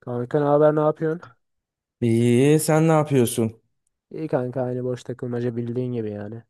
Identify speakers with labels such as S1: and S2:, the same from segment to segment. S1: Kanka ne haber, ne yapıyorsun?
S2: İyi, sen ne yapıyorsun?
S1: İyi kanka, aynı boş takılmaca bildiğin gibi yani.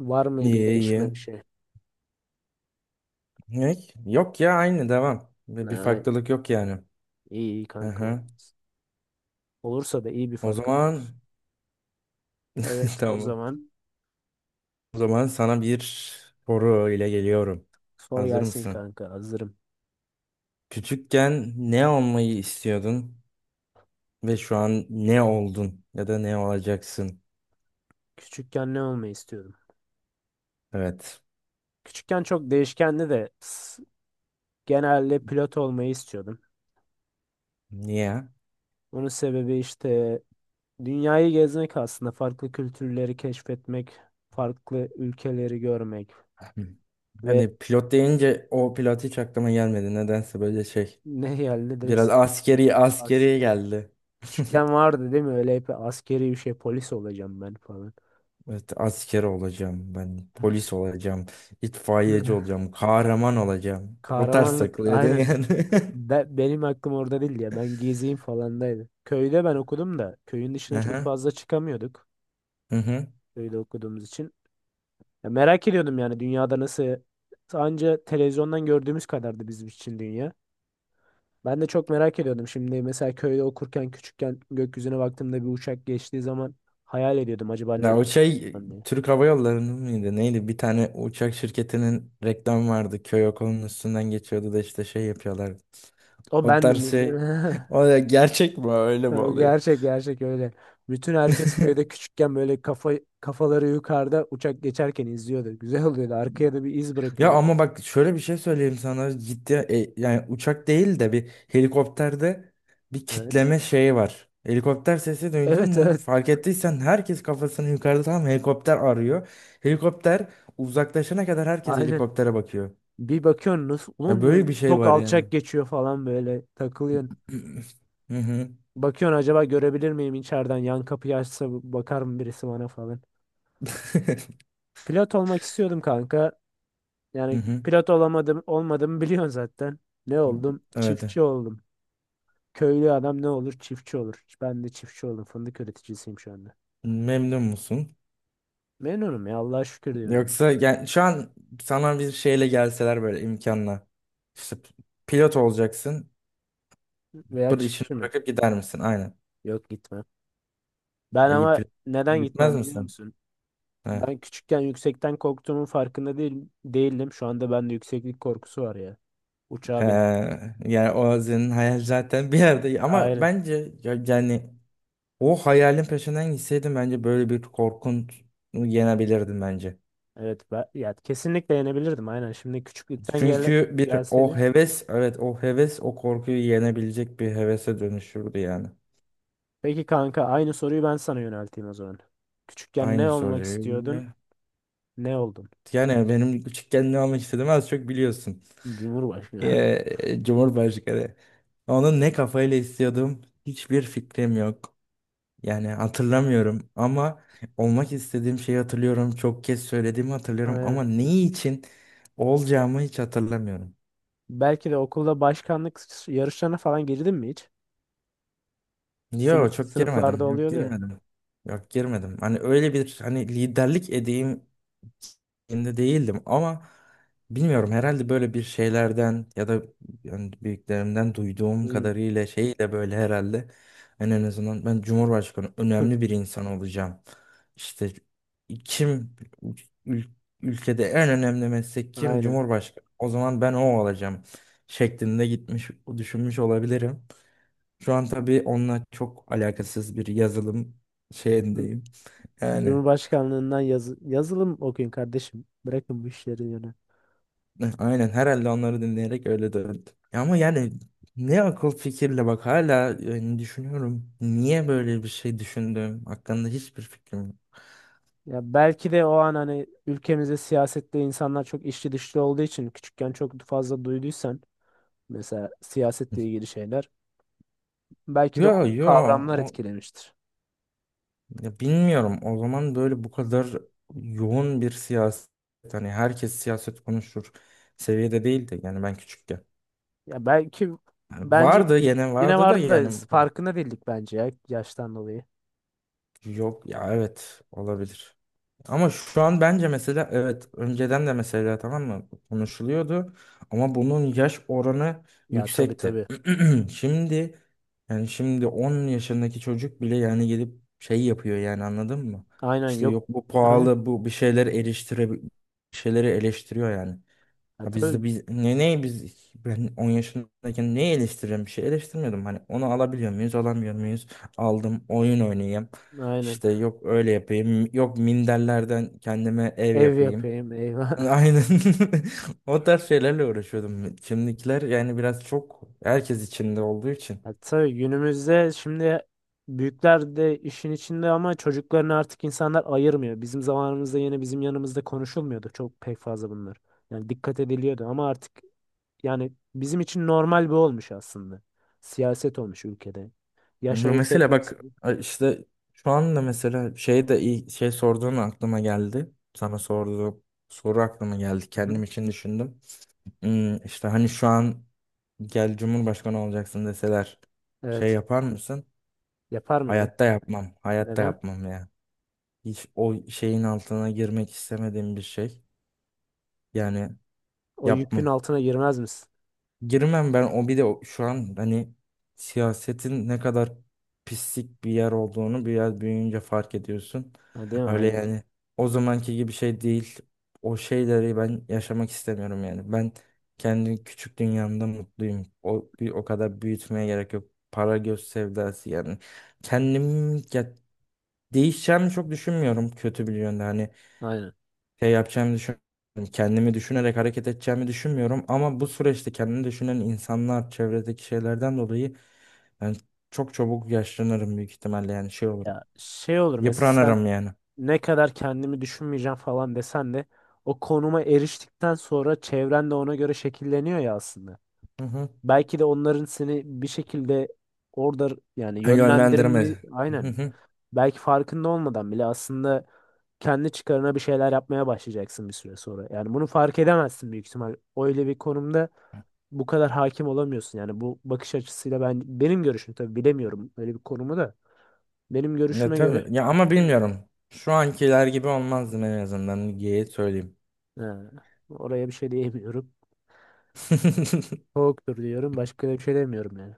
S1: Var mı bir
S2: İyi,
S1: gelişme
S2: iyi.
S1: bir şey?
S2: Ne? Yok ya aynı devam.
S1: Ha,
S2: Bir
S1: Aynen.
S2: farklılık yok yani.
S1: İyi iyi kanka. Vallahi.
S2: Hı.
S1: Olursa da iyi bir
S2: O
S1: farklılık olsun.
S2: zaman
S1: Evet o
S2: tamam.
S1: zaman,
S2: O zaman sana bir soru ile geliyorum.
S1: sor
S2: Hazır
S1: gelsin
S2: mısın?
S1: kanka, hazırım.
S2: Küçükken ne olmayı istiyordun ve şu an ne oldun ya da ne olacaksın?
S1: Küçükken ne olmayı istiyordum?
S2: Evet.
S1: Küçükken çok değişkenli de genelde pilot olmayı istiyordum.
S2: Niye?
S1: Bunun sebebi işte dünyayı gezmek aslında, farklı kültürleri keşfetmek, farklı ülkeleri görmek
S2: Hı.
S1: ve
S2: Yani pilot deyince o pilot hiç aklıma gelmedi. Nedense böyle şey.
S1: ne yani, ne
S2: Biraz
S1: direkt.
S2: askeri geldi.
S1: Küçükken vardı değil mi? Öyle hep askeri bir şey, polis olacağım ben falan.
S2: Evet, asker olacağım ben, polis olacağım, itfaiyeci olacağım, kahraman olacağım. O tarz
S1: Kahramanlık
S2: takılıyordun
S1: aynen.
S2: yani.
S1: Benim aklım orada değildi ya. Ben gezeyim falandaydı. Köyde ben okudum da köyün
S2: Hı
S1: dışına çok
S2: hı.
S1: fazla çıkamıyorduk.
S2: Hı hı.
S1: Köyde okuduğumuz için. Ya merak ediyordum yani dünyada nasıl, anca televizyondan gördüğümüz kadardı bizim için dünya. Ben de çok merak ediyordum. Şimdi mesela köyde okurken küçükken gökyüzüne baktığımda bir uçak geçtiği zaman hayal ediyordum, acaba nereye
S2: Ya o şey
S1: gideceğim diye.
S2: Türk Hava Yolları'nın mıydı? Neydi? Bir tane uçak şirketinin reklamı vardı. Köy okulunun üstünden geçiyordu da işte şey yapıyorlardı.
S1: O
S2: O tarz
S1: bendim.
S2: şey. O da gerçek mi? Öyle mi
S1: Ha,
S2: oluyor?
S1: Gerçek gerçek öyle. Bütün herkes köyde küçükken böyle kafaları yukarıda uçak geçerken izliyordu. Güzel oluyordu. Arkaya da bir iz
S2: Ya
S1: bırakıyordu.
S2: ama bak şöyle bir şey söyleyeyim sana ciddi yani uçak değil de bir helikopterde bir
S1: Evet.
S2: kitleme şeyi var. Helikopter sesi duydun
S1: Evet,
S2: mu?
S1: evet.
S2: Fark ettiysen herkes kafasını yukarıda tam helikopter arıyor. Helikopter uzaklaşana kadar herkes
S1: Aynen.
S2: helikoptere bakıyor.
S1: Bir bakıyorsun
S2: Ya
S1: onun
S2: böyle bir şey
S1: çok
S2: var yani.
S1: alçak geçiyor falan, böyle takılıyorsun.
S2: Hı hı.
S1: Bakıyorsun acaba görebilir miyim içeriden, yan kapıyı açsa bakar mı birisi bana falan. Pilot olmak istiyordum kanka.
S2: Hı
S1: Yani
S2: hı.
S1: pilot olamadım, olmadım, biliyorsun zaten. Ne oldum?
S2: Evet.
S1: Çiftçi oldum. Köylü adam ne olur? Çiftçi olur. Ben de çiftçi oldum. Fındık üreticisiyim şu anda.
S2: Memnun musun?
S1: Memnunum ya. Allah'a şükür diyorum ya.
S2: Yoksa yani şu an sana bir şeyle gelseler böyle imkanla. İşte pilot olacaksın.
S1: Veya
S2: Bu işini
S1: çiftçi mi?
S2: bırakıp gider misin? Aynen.
S1: Yok, gitmem. Ben
S2: Ayıp.
S1: ama neden
S2: Gitmez
S1: gitmem biliyor
S2: misin?
S1: musun?
S2: Ha.
S1: Ben küçükken yüksekten korktuğumun farkında değil, değildim. Şu anda bende yükseklik korkusu var ya.
S2: He.
S1: Uçağa bin.
S2: Yani o senin hayal zaten bir yerde ama
S1: Aynen.
S2: bence yani o hayalin peşinden gitseydim bence böyle bir korkun yenebilirdim bence.
S1: Evet. Ben, ya kesinlikle yenebilirdim. Aynen. Şimdi küçüklükten gel,
S2: Çünkü bir o
S1: gelseydi.
S2: heves evet o heves o korkuyu yenebilecek bir hevese dönüşürdü yani.
S1: Peki kanka, aynı soruyu ben sana yönelteyim o zaman. Küçükken ne
S2: Aynı
S1: olmak istiyordun?
S2: soruyu.
S1: Ne oldun?
S2: Yani benim küçükken ne olmak istediğimi az çok biliyorsun.
S1: Cumhurbaşkanı.
S2: Cumhurbaşkanı. Onu ne kafayla istiyordum hiçbir fikrim yok. Yani hatırlamıyorum ama olmak istediğim şeyi hatırlıyorum. Çok kez söylediğimi hatırlıyorum
S1: Aynen.
S2: ama neyi için olacağımı hiç hatırlamıyorum.
S1: Belki de okulda başkanlık yarışlarına falan girdin mi hiç? Sınıf,
S2: Yok çok
S1: sınıflarda
S2: girmedim. Yok
S1: oluyordu ya.
S2: girmedim. Yok girmedim. Hani öyle bir hani liderlik edeyim. Şimdi değildim ama bilmiyorum herhalde böyle bir şeylerden ya da yani büyüklerimden duyduğum
S1: Hmm.
S2: kadarıyla şeyle böyle herhalde ben en azından ben Cumhurbaşkanı önemli bir insan olacağım. İşte kim ül- ülkede en önemli meslek kim?
S1: Aynen.
S2: Cumhurbaşkanı. O zaman ben o olacağım şeklinde gitmiş düşünmüş olabilirim. Şu an tabii onunla çok alakasız bir yazılım
S1: Hı.
S2: şeyindeyim. Yani
S1: Cumhurbaşkanlığından yazı, yazılım okuyun kardeşim. Bırakın bu işleri yönü.
S2: Aynen herhalde onları dinleyerek öyle döndü. Ya ama yani ne akıl fikirle bak hala yani düşünüyorum. Niye böyle bir şey düşündüm? Hakkında hiçbir fikrim yok.
S1: Ya belki de o an hani ülkemizde siyasette insanlar çok içli dışlı olduğu için küçükken çok fazla duyduysan mesela siyasetle ilgili şeyler, belki de o
S2: Yo yo
S1: kavramlar
S2: o-
S1: etkilemiştir.
S2: ya bilmiyorum. O zaman böyle bu kadar yoğun bir siyaset hani herkes siyaset konuşur seviyede değildi. Yani ben küçükken.
S1: Ya belki bence
S2: Vardı yine
S1: yine
S2: vardı da
S1: vardı da
S2: yani bu-
S1: farkında değildik bence ya, yaştan dolayı.
S2: yok ya evet olabilir. Ama şu an bence mesela evet önceden de mesela tamam mı konuşuluyordu ama bunun yaş oranı
S1: Ya tabii
S2: yüksekti.
S1: tabii.
S2: Şimdi yani şimdi 10 yaşındaki çocuk bile yani gelip şey yapıyor yani anladın mı?
S1: Aynen.
S2: İşte
S1: Yok.
S2: yok bu
S1: Aynen.
S2: pahalı bu bir şeyler eleştire bir şeyleri eleştiriyor yani.
S1: Ha,
S2: Ya biz de
S1: tabii
S2: biz ne ne biz ben 10 yaşındayken neyi eleştiriyorum bir şey eleştirmiyordum hani onu alabiliyor muyuz alamıyor muyuz aldım oyun oynayayım
S1: aynen.
S2: işte yok öyle yapayım yok minderlerden kendime ev
S1: Ev
S2: yapayım
S1: yapayım, eyvah.
S2: aynen o tarz şeylerle uğraşıyordum şimdikiler yani biraz çok herkes içinde olduğu için
S1: Ha, tabii günümüzde şimdi büyükler de işin içinde ama çocuklarını artık insanlar ayırmıyor. Bizim zamanımızda yine bizim yanımızda konuşulmuyordu çok pek fazla bunlar. Yani dikkat ediliyordu ama artık yani bizim için normal bir olmuş aslında. Siyaset olmuş ülkede. Yaş
S2: bu
S1: ayırt
S2: mesela
S1: etmek
S2: bak
S1: istiyor.
S2: işte şu anda mesela şey de iyi şey sorduğun aklıma geldi sana sorduğum soru aklıma geldi
S1: Hı hı.
S2: kendim için düşündüm. İşte hani şu an gel Cumhurbaşkanı olacaksın deseler şey
S1: Evet.
S2: yapar mısın?
S1: Yapar mıydın?
S2: Hayatta yapmam. Hayatta
S1: Neden?
S2: yapmam ya. Hiç o şeyin altına girmek istemediğim bir şey. Yani
S1: O yükün
S2: yapmam.
S1: altına girmez misin?
S2: Girmem ben o bir de o- şu an hani siyasetin ne kadar pislik bir yer olduğunu biraz büyüyünce fark ediyorsun.
S1: Ha, değil mi?
S2: Öyle
S1: Aynen.
S2: yani o zamanki gibi şey değil. O şeyleri ben yaşamak istemiyorum yani. Ben kendi küçük dünyamda mutluyum. O bir o kadar büyütmeye gerek yok. Para göz sevdası yani. Kendim ya değişeceğimi çok düşünmüyorum kötü bir yönde. Hani
S1: Aynen.
S2: şey yapacağımı düşünmüyorum. Kendimi düşünerek hareket edeceğimi düşünmüyorum. Ama bu süreçte kendini düşünen insanlar, çevredeki şeylerden dolayı ben çok çabuk yaşlanırım büyük ihtimalle yani şey olurum.
S1: Ya şey olur mesela,
S2: Yıpranırım yani.
S1: ne kadar kendimi düşünmeyeceğim falan desen de o konuma eriştikten sonra çevren de ona göre şekilleniyor ya aslında.
S2: Hı hı.
S1: Belki de onların seni bir şekilde orada yani
S2: Yönlendirme.
S1: yönlendirme,
S2: Hı
S1: aynen,
S2: hı.
S1: belki farkında olmadan bile aslında kendi çıkarına bir şeyler yapmaya başlayacaksın bir süre sonra. Yani bunu fark edemezsin büyük ihtimal. Öyle bir konumda bu kadar hakim olamıyorsun. Yani bu bakış açısıyla, ben benim görüşüm, tabii bilemiyorum öyle bir konumu da. Benim
S2: Ya
S1: görüşüme göre.
S2: tabii. Ya ama
S1: Değil mi?
S2: bilmiyorum. Şu ankiler gibi olmazdım en azından. Geyi söyleyeyim.
S1: He, oraya bir şey diyemiyorum. Soğuktur diyorum. Başka da bir şey demiyorum yani.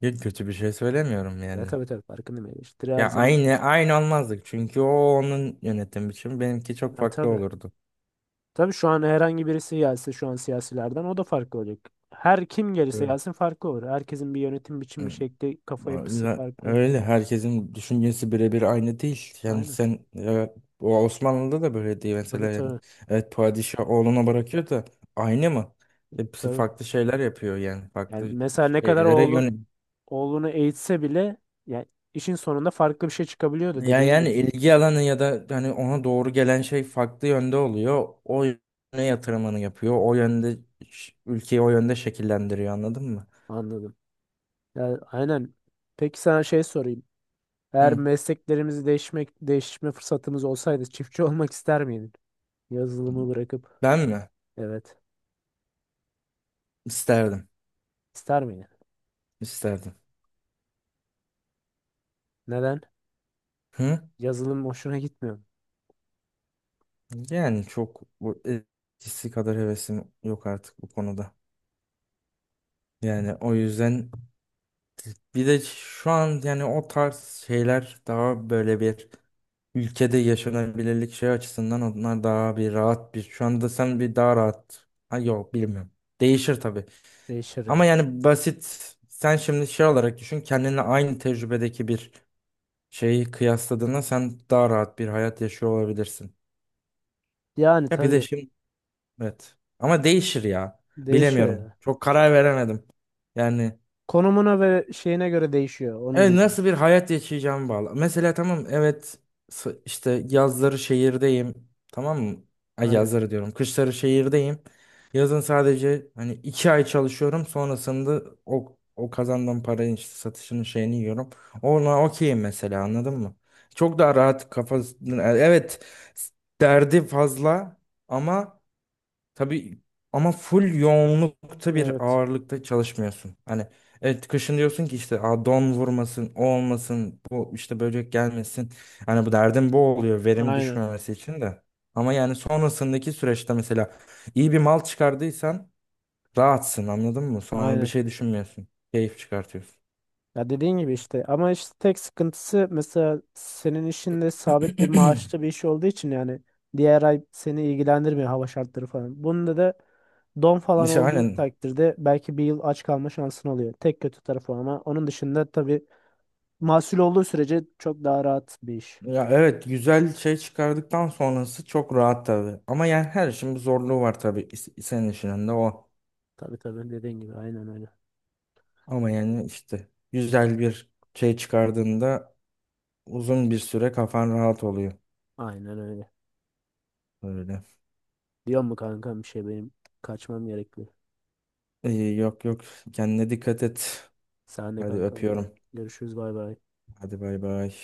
S2: Ya kötü bir şey söylemiyorum
S1: Ya
S2: yani.
S1: tabii tabii farkındayım. Eleştiri her
S2: Ya
S1: zaman.
S2: aynı olmazdık çünkü o onun yönetim biçimi benimki çok
S1: Ha
S2: farklı
S1: tabii.
S2: olurdu.
S1: Tabii şu an herhangi birisi gelse şu an siyasilerden, o da farklı olacak. Her kim gelirse gelsin farklı olur. Herkesin bir yönetim biçimi,
S2: Evet.
S1: şekli, kafa yapısı
S2: Ya
S1: farklı.
S2: öyle herkesin düşüncesi birebir aynı değil. Yani
S1: Aynen.
S2: sen o Osmanlı'da da böyle değil mesela
S1: Tabii
S2: yani.
S1: tabii.
S2: Evet padişah oğluna bırakıyor da aynı mı? Hepsi
S1: Tabii.
S2: farklı şeyler yapıyor yani
S1: Yani
S2: farklı
S1: mesela ne kadar
S2: şeylere
S1: oğlun
S2: yön.
S1: oğlunu eğitse bile yani işin sonunda farklı bir şey çıkabiliyordu
S2: Yani,
S1: dediğin
S2: yani
S1: gibi.
S2: ilgi alanı ya da hani ona doğru gelen şey farklı yönde oluyor. O yöne yatırımını yapıyor. O yönde ülkeyi o yönde şekillendiriyor anladın mı?
S1: Anladım. Yani aynen. Peki sana şey sorayım. Eğer
S2: Hı.
S1: mesleklerimizi değişmek, değişme fırsatımız olsaydı çiftçi olmak ister miydin? Yazılımı bırakıp,
S2: Ben mi?
S1: evet.
S2: İsterdim.
S1: İster miydin?
S2: İsterdim.
S1: Neden?
S2: Hı?
S1: Yazılım hoşuna gitmiyor mu?
S2: Yani çok bu eskisi kadar hevesim yok artık bu konuda. Yani o yüzden bir de şu an yani o tarz şeyler daha böyle bir ülkede yaşanabilirlik şey açısından onlar daha bir rahat bir. Şu anda sen bir daha rahat. Ha yok bilmiyorum. Değişir tabii.
S1: Değişir
S2: Ama
S1: yani.
S2: yani basit sen şimdi şey olarak düşün kendinle aynı tecrübedeki bir şeyi kıyasladığında sen daha rahat bir hayat yaşıyor olabilirsin.
S1: Yani
S2: Ya bir de
S1: tabii
S2: şimdi evet. Ama değişir ya.
S1: değişiyor
S2: Bilemiyorum.
S1: yani.
S2: Çok karar veremedim. Yani
S1: Konumuna ve şeyine göre değişiyor. Onu
S2: evet,
S1: diyeyim.
S2: nasıl bir hayat yaşayacağımı bağlı. Mesela tamam evet işte yazları şehirdeyim. Tamam mı? Ay
S1: Aynen.
S2: yazları diyorum. Kışları şehirdeyim. Yazın sadece hani 2 ay çalışıyorum. Sonrasında o kazandığım paranın işte satışının şeyini yiyorum. Ona okeyim mesela anladın mı? Çok daha rahat kafası. Evet s- derdi fazla ama tabii ama full yoğunlukta bir
S1: Evet.
S2: ağırlıkta çalışmıyorsun. Hani evet kışın diyorsun ki işte "Aa, don vurmasın, o olmasın, bu işte böcek gelmesin." Hani bu derdim bu oluyor verim
S1: Aynen.
S2: düşmemesi için de. Ama yani sonrasındaki süreçte mesela iyi bir mal çıkardıysan rahatsın anladın mı? Sonra bir
S1: Aynen.
S2: şey düşünmüyorsun. Keyif çıkartıyorsun.
S1: Ya dediğin gibi işte, ama işte tek sıkıntısı mesela senin işinde sabit bir maaşlı bir iş olduğu için yani diğer ay seni ilgilendirmiyor, hava şartları falan. Bunda da don falan
S2: İşte
S1: olduğu
S2: aynen.
S1: takdirde belki bir yıl aç kalma şansın oluyor. Tek kötü tarafı o, ama onun dışında tabii mahsul olduğu sürece çok daha rahat bir iş.
S2: Ya evet güzel şey çıkardıktan sonrası çok rahat tabii. Ama yani her işin bir zorluğu var tabii senin işinin de o.
S1: Tabii tabii, dediğin gibi aynen öyle.
S2: Ama yani işte güzel bir şey çıkardığında uzun bir süre kafan rahat oluyor.
S1: Aynen öyle.
S2: Öyle.
S1: Diyor mu kankam, bir şey benim, kaçmam gerekli.
S2: İyi, yok, kendine dikkat et.
S1: Sen de
S2: Hadi
S1: kankam.
S2: öpüyorum.
S1: Görüşürüz, bay bay.
S2: Hadi bay bay.